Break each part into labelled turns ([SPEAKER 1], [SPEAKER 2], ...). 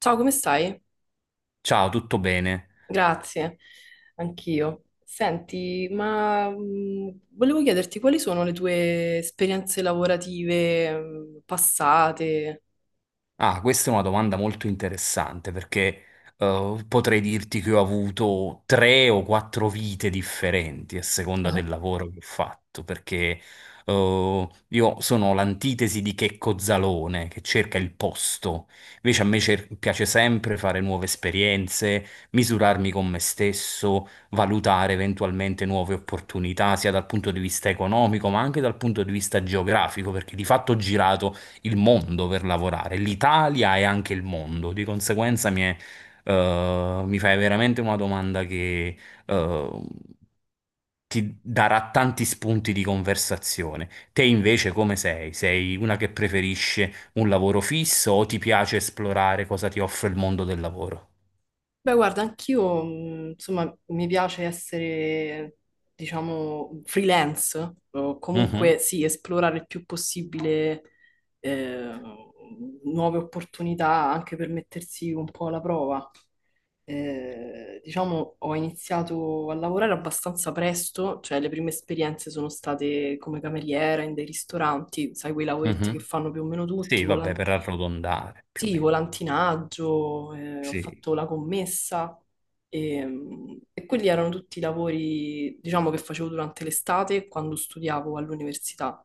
[SPEAKER 1] Ciao, come stai?
[SPEAKER 2] Ciao, tutto bene?
[SPEAKER 1] Grazie, anch'io. Senti, volevo chiederti quali sono le tue esperienze lavorative passate?
[SPEAKER 2] Ah, questa è una domanda molto interessante perché potrei dirti che ho avuto 3 o 4 vite differenti a seconda del
[SPEAKER 1] Ah.
[SPEAKER 2] lavoro che ho fatto, perché io sono l'antitesi di Checco Zalone che cerca il posto, invece a me piace sempre fare nuove esperienze, misurarmi con me stesso, valutare eventualmente nuove opportunità, sia dal punto di vista economico, ma anche dal punto di vista geografico, perché di fatto ho girato il mondo per lavorare, l'Italia e anche il mondo. Di conseguenza mi fai veramente una domanda che eh, ti darà tanti spunti di conversazione. Te invece come sei? Sei una che preferisce un lavoro fisso o ti piace esplorare cosa ti offre il mondo del lavoro?
[SPEAKER 1] Beh, guarda, anch'io, insomma, mi piace essere, diciamo, freelance, o
[SPEAKER 2] Mhm,
[SPEAKER 1] comunque sì, esplorare il più possibile eh, nuove opportunità anche per mettersi un po' alla prova. Diciamo, ho iniziato a lavorare abbastanza presto, cioè le prime esperienze sono state come cameriera in dei ristoranti, sai, quei lavoretti che
[SPEAKER 2] mhm.
[SPEAKER 1] fanno più o meno tutti,
[SPEAKER 2] Sì, vabbè, per arrotondare più o
[SPEAKER 1] sì,
[SPEAKER 2] meno.
[SPEAKER 1] volantinaggio, ho
[SPEAKER 2] Sì,
[SPEAKER 1] fatto la commessa e quelli erano tutti i lavori, diciamo, che facevo durante l'estate quando studiavo all'università.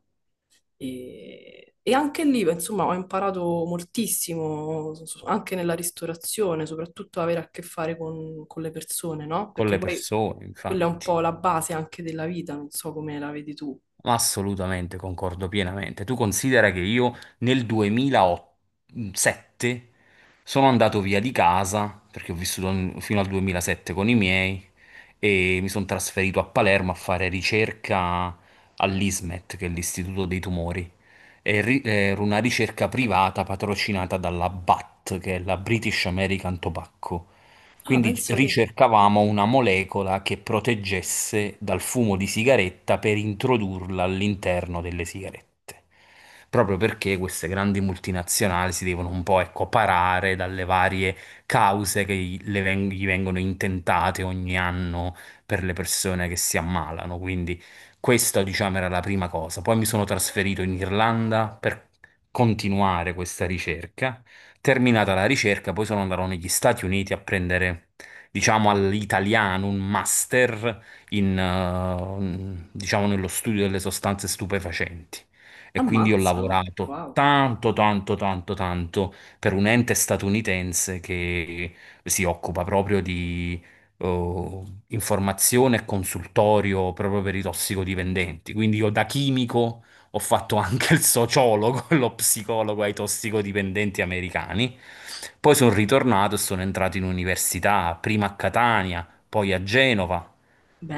[SPEAKER 1] E anche lì, beh, insomma, ho imparato moltissimo, anche nella ristorazione, soprattutto avere a che fare con le persone, no?
[SPEAKER 2] con
[SPEAKER 1] Perché
[SPEAKER 2] le
[SPEAKER 1] poi
[SPEAKER 2] persone,
[SPEAKER 1] quella è un
[SPEAKER 2] infatti.
[SPEAKER 1] po' la base anche della vita, non so come la vedi tu.
[SPEAKER 2] Assolutamente, concordo pienamente. Tu considera che io nel 2007 sono andato via di casa, perché ho vissuto fino al 2007 con i miei, e mi sono trasferito a Palermo a fare ricerca all'ISMET, che è l'Istituto dei Tumori. Era una ricerca privata patrocinata dalla BAT, che è la British American Tobacco.
[SPEAKER 1] Ah,
[SPEAKER 2] Quindi
[SPEAKER 1] pensa te,
[SPEAKER 2] ricercavamo una molecola che proteggesse dal fumo di sigaretta per introdurla all'interno delle sigarette. Proprio perché queste grandi multinazionali si devono un po', ecco, parare dalle varie cause che gli vengono intentate ogni anno per le persone che si ammalano. Quindi questa, diciamo, era la prima cosa. Poi mi sono trasferito in Irlanda per continuare questa ricerca. Terminata la ricerca, poi sono andato negli Stati Uniti a prendere, diciamo, all'italiano un master in, diciamo, nello studio delle sostanze stupefacenti. E quindi ho
[SPEAKER 1] ammazza, oh,
[SPEAKER 2] lavorato
[SPEAKER 1] wow,
[SPEAKER 2] tanto, tanto, tanto, tanto per un ente statunitense che si occupa proprio di eh, informazione e consultorio proprio per i tossicodipendenti. Quindi io da chimico ho fatto anche il sociologo, lo psicologo ai tossicodipendenti americani. Poi sono ritornato e sono entrato in università, prima a Catania, poi a Genova,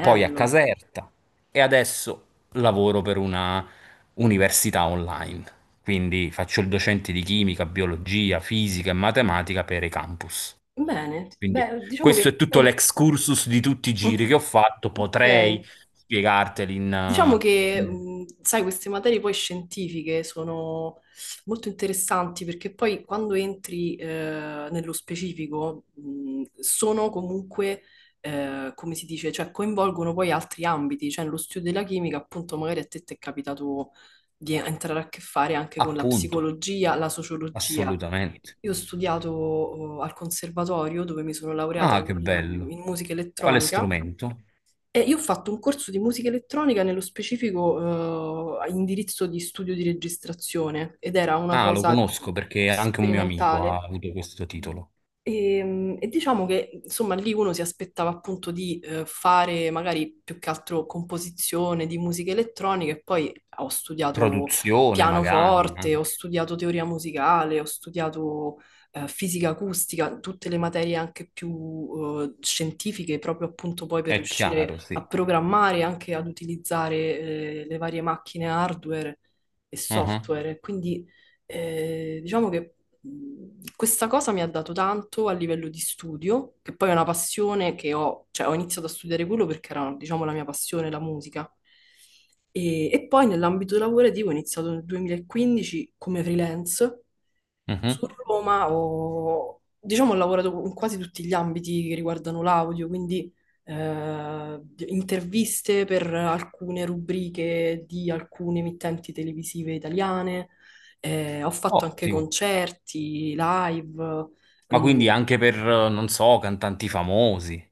[SPEAKER 2] poi a Caserta e adesso lavoro per una università online. Quindi faccio il docente di chimica, biologia, fisica e matematica per i campus.
[SPEAKER 1] Bene,
[SPEAKER 2] Quindi
[SPEAKER 1] beh, diciamo
[SPEAKER 2] questo
[SPEAKER 1] che
[SPEAKER 2] è tutto
[SPEAKER 1] stai...
[SPEAKER 2] l'excursus di tutti i giri che ho fatto,
[SPEAKER 1] Ok.
[SPEAKER 2] potrei spiegarteli in
[SPEAKER 1] Diciamo che,
[SPEAKER 2] in-
[SPEAKER 1] sai, queste materie poi scientifiche sono molto interessanti perché poi quando entri nello specifico sono comunque, come si dice, cioè coinvolgono poi altri ambiti, cioè nello studio della chimica appunto magari a te ti è capitato di entrare a che fare anche con la
[SPEAKER 2] appunto.
[SPEAKER 1] psicologia, la sociologia.
[SPEAKER 2] Assolutamente.
[SPEAKER 1] Io ho studiato al conservatorio dove mi sono laureata
[SPEAKER 2] Ah,
[SPEAKER 1] in
[SPEAKER 2] che
[SPEAKER 1] in- in
[SPEAKER 2] bello.
[SPEAKER 1] musica
[SPEAKER 2] Quale
[SPEAKER 1] elettronica.
[SPEAKER 2] strumento?
[SPEAKER 1] Io ho fatto un corso di musica elettronica, nello specifico, a indirizzo di studio di registrazione ed era una
[SPEAKER 2] Ah, lo
[SPEAKER 1] cosa
[SPEAKER 2] conosco perché anche un mio amico ha
[SPEAKER 1] sperimentale
[SPEAKER 2] avuto questo titolo.
[SPEAKER 1] e diciamo che insomma lì uno si aspettava appunto di fare magari più che altro composizione di musica elettronica e poi ah, ho studiato
[SPEAKER 2] Produzione, magari,
[SPEAKER 1] pianoforte, ho
[SPEAKER 2] anche.
[SPEAKER 1] studiato teoria musicale, ho studiato fisica acustica, tutte le materie anche più scientifiche proprio appunto poi per
[SPEAKER 2] È chiaro,
[SPEAKER 1] riuscire
[SPEAKER 2] sì.
[SPEAKER 1] a programmare e anche ad utilizzare le varie macchine hardware e
[SPEAKER 2] Mhm,
[SPEAKER 1] software. Quindi diciamo che questa cosa mi ha dato tanto a livello di studio, che poi è una passione che ho, cioè ho iniziato a studiare quello perché era, diciamo, la mia passione, la musica. E poi nell'ambito lavorativo ho iniziato nel 2015 come freelance
[SPEAKER 2] mhm.
[SPEAKER 1] su Roma ho, diciamo, ho lavorato in quasi tutti gli ambiti che riguardano l'audio, quindi eh, interviste per alcune rubriche di alcune emittenti televisive italiane, ho fatto anche
[SPEAKER 2] Ottimo.
[SPEAKER 1] concerti, live,
[SPEAKER 2] Ma
[SPEAKER 1] mm.
[SPEAKER 2] quindi anche per, non so, cantanti famosi.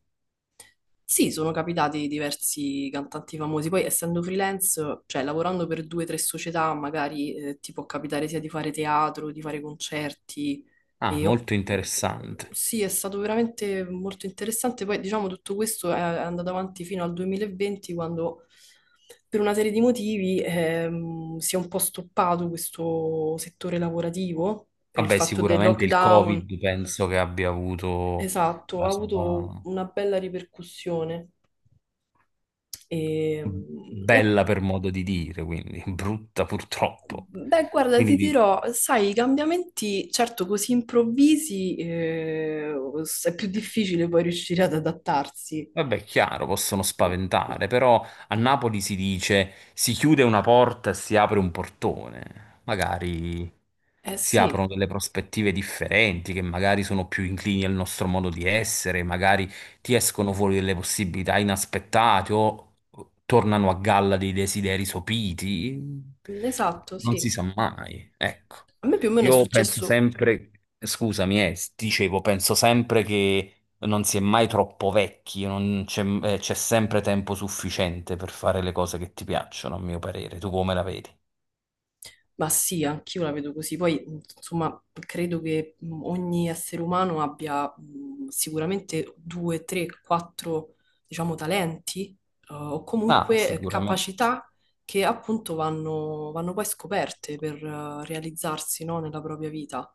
[SPEAKER 1] Sì, sono capitati diversi cantanti famosi, poi essendo freelance, cioè lavorando per due o tre società, magari ti può capitare sia di fare teatro, di fare concerti.
[SPEAKER 2] Ah,
[SPEAKER 1] E ho-
[SPEAKER 2] molto interessante.
[SPEAKER 1] Sì, è stato veramente molto interessante. Poi diciamo tutto questo è andato avanti fino al 2020, quando per una serie di motivi si è un po' stoppato questo settore lavorativo per il
[SPEAKER 2] Vabbè,
[SPEAKER 1] fatto del
[SPEAKER 2] sicuramente il
[SPEAKER 1] lockdown.
[SPEAKER 2] Covid penso che abbia avuto
[SPEAKER 1] Esatto,
[SPEAKER 2] la
[SPEAKER 1] ha avuto
[SPEAKER 2] sua
[SPEAKER 1] una bella ripercussione. E, e-
[SPEAKER 2] bella, per modo di dire, quindi brutta purtroppo.
[SPEAKER 1] beh, guarda, ti
[SPEAKER 2] Quindi di-
[SPEAKER 1] dirò, sai, i cambiamenti, certo, così improvvisi, è più difficile poi riuscire ad adattarsi.
[SPEAKER 2] Vabbè, chiaro, possono spaventare, però a Napoli si dice si chiude una porta e si apre un portone. Magari
[SPEAKER 1] Eh
[SPEAKER 2] si aprono
[SPEAKER 1] sì,
[SPEAKER 2] delle prospettive differenti che magari sono più inclini al nostro modo di essere, magari ti escono fuori delle possibilità inaspettate o tornano a galla dei desideri sopiti.
[SPEAKER 1] esatto,
[SPEAKER 2] Non si
[SPEAKER 1] sì.
[SPEAKER 2] sa mai, ecco.
[SPEAKER 1] A me più o meno è
[SPEAKER 2] Io penso
[SPEAKER 1] successo.
[SPEAKER 2] sempre, scusami, dicevo, penso sempre che non si è mai troppo vecchi, non c'è c'è sempre tempo sufficiente per fare le cose che ti piacciono, a mio parere. Tu come la vedi?
[SPEAKER 1] Ma sì, anch'io la vedo così. Poi, insomma, credo che ogni essere umano abbia sicuramente due, tre, quattro, diciamo, talenti o
[SPEAKER 2] Ah,
[SPEAKER 1] comunque
[SPEAKER 2] sicuramente.
[SPEAKER 1] capacità che appunto vanno poi scoperte per realizzarsi, no, nella propria vita.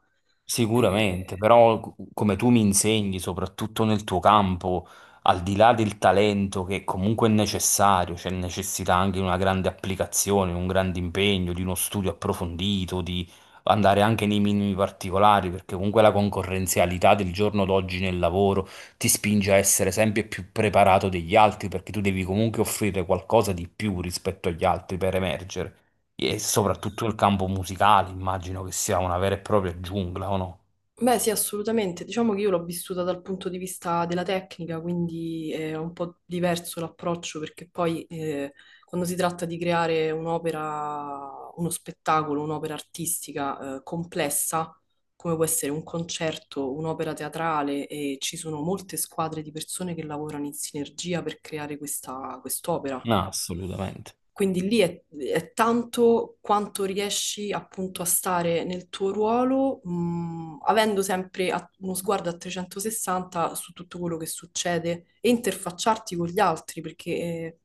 [SPEAKER 2] Sicuramente,
[SPEAKER 1] Eh.
[SPEAKER 2] però come tu mi insegni, soprattutto nel tuo campo, al di là del talento che comunque è necessario, c'è necessità anche di una grande applicazione, un grande impegno, di uno studio approfondito, di andare anche nei minimi particolari, perché comunque la concorrenzialità del giorno d'oggi nel lavoro ti spinge a essere sempre più preparato degli altri, perché tu devi comunque offrire qualcosa di più rispetto agli altri per emergere. E soprattutto il campo musicale, immagino che sia una vera e propria giungla, o no?
[SPEAKER 1] Beh, sì, assolutamente. Diciamo che io l'ho vissuta dal punto di vista della tecnica, quindi è un po' diverso l'approccio perché poi quando si tratta di creare un'opera, uno spettacolo, un'opera artistica complessa, come può essere un concerto, un'opera teatrale, e ci sono molte squadre di persone che lavorano in sinergia per creare questa quest'opera.
[SPEAKER 2] No, assolutamente.
[SPEAKER 1] Quindi è tanto quanto riesci appunto a stare nel tuo ruolo, avendo sempre uno sguardo a 360 su tutto quello che succede e interfacciarti con gli altri, perché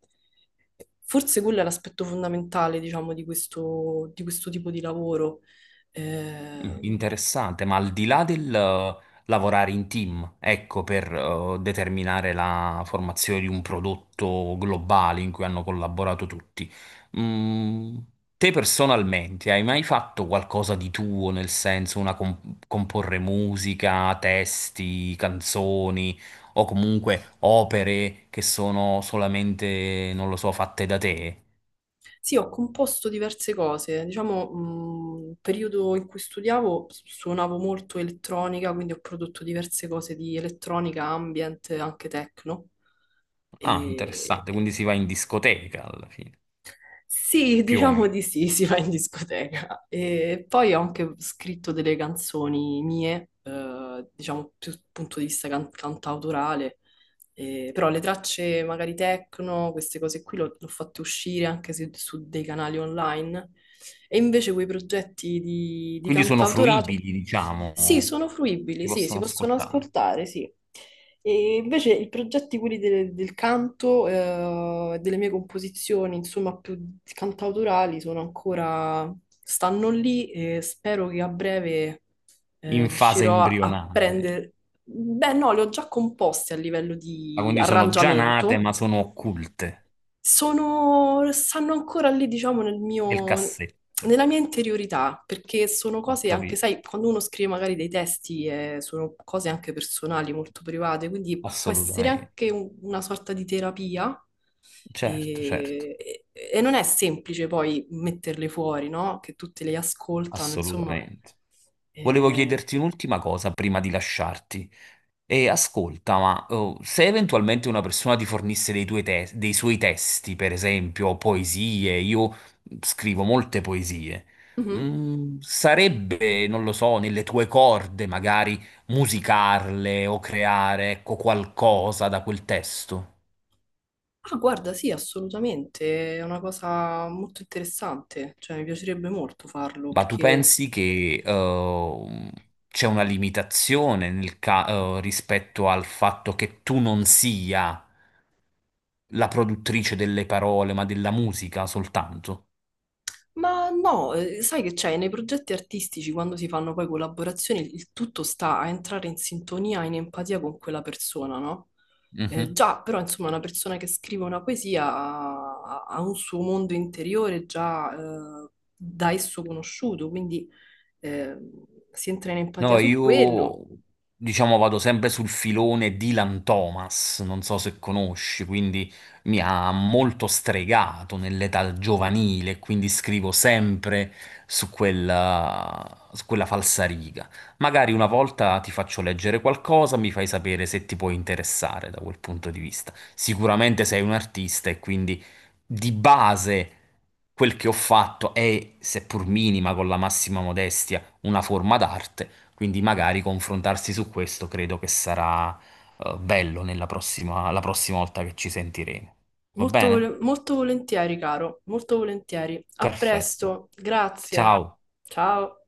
[SPEAKER 1] forse quello è l'aspetto fondamentale, diciamo, di questo tipo di lavoro. Eh.
[SPEAKER 2] Mm, interessante, ma al di là del lavorare in team, ecco, per determinare la formazione di un prodotto globale in cui hanno collaborato tutti, mm, te personalmente hai mai fatto qualcosa di tuo, nel senso una comporre musica, testi, canzoni o comunque opere che sono solamente, non lo so, fatte da te?
[SPEAKER 1] Sì, ho composto diverse cose. Diciamo, il periodo in cui studiavo suonavo molto elettronica, quindi ho prodotto diverse cose di elettronica, ambient, anche techno.
[SPEAKER 2] Ah,
[SPEAKER 1] E...
[SPEAKER 2] interessante, quindi si va in discoteca alla fine,
[SPEAKER 1] Sì,
[SPEAKER 2] più o
[SPEAKER 1] diciamo
[SPEAKER 2] meno.
[SPEAKER 1] di sì, si va in discoteca. E poi ho anche scritto delle canzoni mie, diciamo più dal punto di vista cantautorale. Però le tracce magari techno, queste cose qui le ho fatte uscire anche su dei canali online e invece quei progetti di
[SPEAKER 2] Quindi sono
[SPEAKER 1] cantautorato,
[SPEAKER 2] fruibili,
[SPEAKER 1] sì,
[SPEAKER 2] diciamo,
[SPEAKER 1] sono
[SPEAKER 2] si
[SPEAKER 1] fruibili, sì, si
[SPEAKER 2] possono
[SPEAKER 1] possono
[SPEAKER 2] ascoltare
[SPEAKER 1] ascoltare, sì. E invece i progetti, quelli del canto, delle mie composizioni, insomma, più cantautorali, sono ancora, stanno lì e spero che a breve,
[SPEAKER 2] in fase
[SPEAKER 1] riuscirò a
[SPEAKER 2] embrionale.
[SPEAKER 1] prendere... Beh, no, li ho già composti a livello
[SPEAKER 2] Ah,
[SPEAKER 1] di
[SPEAKER 2] quindi sono già nate,
[SPEAKER 1] arrangiamento,
[SPEAKER 2] ma sono occulte
[SPEAKER 1] sono, stanno ancora lì, diciamo, nel
[SPEAKER 2] nel
[SPEAKER 1] mio,
[SPEAKER 2] cassetto.
[SPEAKER 1] nella mia interiorità, perché sono
[SPEAKER 2] Ho
[SPEAKER 1] cose anche,
[SPEAKER 2] capito.
[SPEAKER 1] sai, quando uno scrive magari dei testi, sono cose anche personali, molto private, quindi può essere anche
[SPEAKER 2] Assolutamente.
[SPEAKER 1] una sorta di terapia.
[SPEAKER 2] Certo, certo,
[SPEAKER 1] E, e- e non è semplice poi metterle fuori, no? Che tutte le ascoltano, insomma.
[SPEAKER 2] assolutamente. Volevo
[SPEAKER 1] Eh,
[SPEAKER 2] chiederti un'ultima cosa prima di lasciarti. E ascolta, ma oh, se eventualmente una persona ti fornisse dei, dei suoi testi, per esempio poesie, io scrivo molte poesie,
[SPEAKER 1] mhm.
[SPEAKER 2] mm, sarebbe, non lo so, nelle tue corde magari musicarle o creare, ecco, qualcosa da quel testo?
[SPEAKER 1] Ah, guarda, sì, assolutamente, è una cosa molto interessante, cioè mi piacerebbe molto farlo
[SPEAKER 2] Ma tu
[SPEAKER 1] perché...
[SPEAKER 2] pensi che c'è una limitazione nel rispetto al fatto che tu non sia la produttrice delle parole, ma della musica soltanto?
[SPEAKER 1] Ma no, sai che c'è, nei progetti artistici quando si fanno poi collaborazioni il tutto sta a entrare in sintonia, in empatia con quella persona, no?
[SPEAKER 2] Mh-mh.
[SPEAKER 1] Già, però insomma una persona che scrive una poesia ha un suo mondo interiore già da esso conosciuto, quindi eh, si entra in
[SPEAKER 2] No,
[SPEAKER 1] empatia su quello.
[SPEAKER 2] io diciamo vado sempre sul filone Dylan Thomas, non so se conosci, quindi mi ha molto stregato nell'età giovanile, quindi scrivo sempre su quella falsariga. Magari una volta ti faccio leggere qualcosa, mi fai sapere se ti può interessare da quel punto di vista. Sicuramente sei un artista e quindi di base quel che ho fatto è, seppur minima, con la massima modestia, una forma d'arte, quindi magari confrontarsi su questo credo che sarà bello nella prossima, la prossima volta che ci sentiremo. Va
[SPEAKER 1] Molto,
[SPEAKER 2] bene?
[SPEAKER 1] molto volentieri, caro, molto volentieri. A
[SPEAKER 2] Perfetto.
[SPEAKER 1] presto, grazie.
[SPEAKER 2] Ciao.
[SPEAKER 1] Ciao.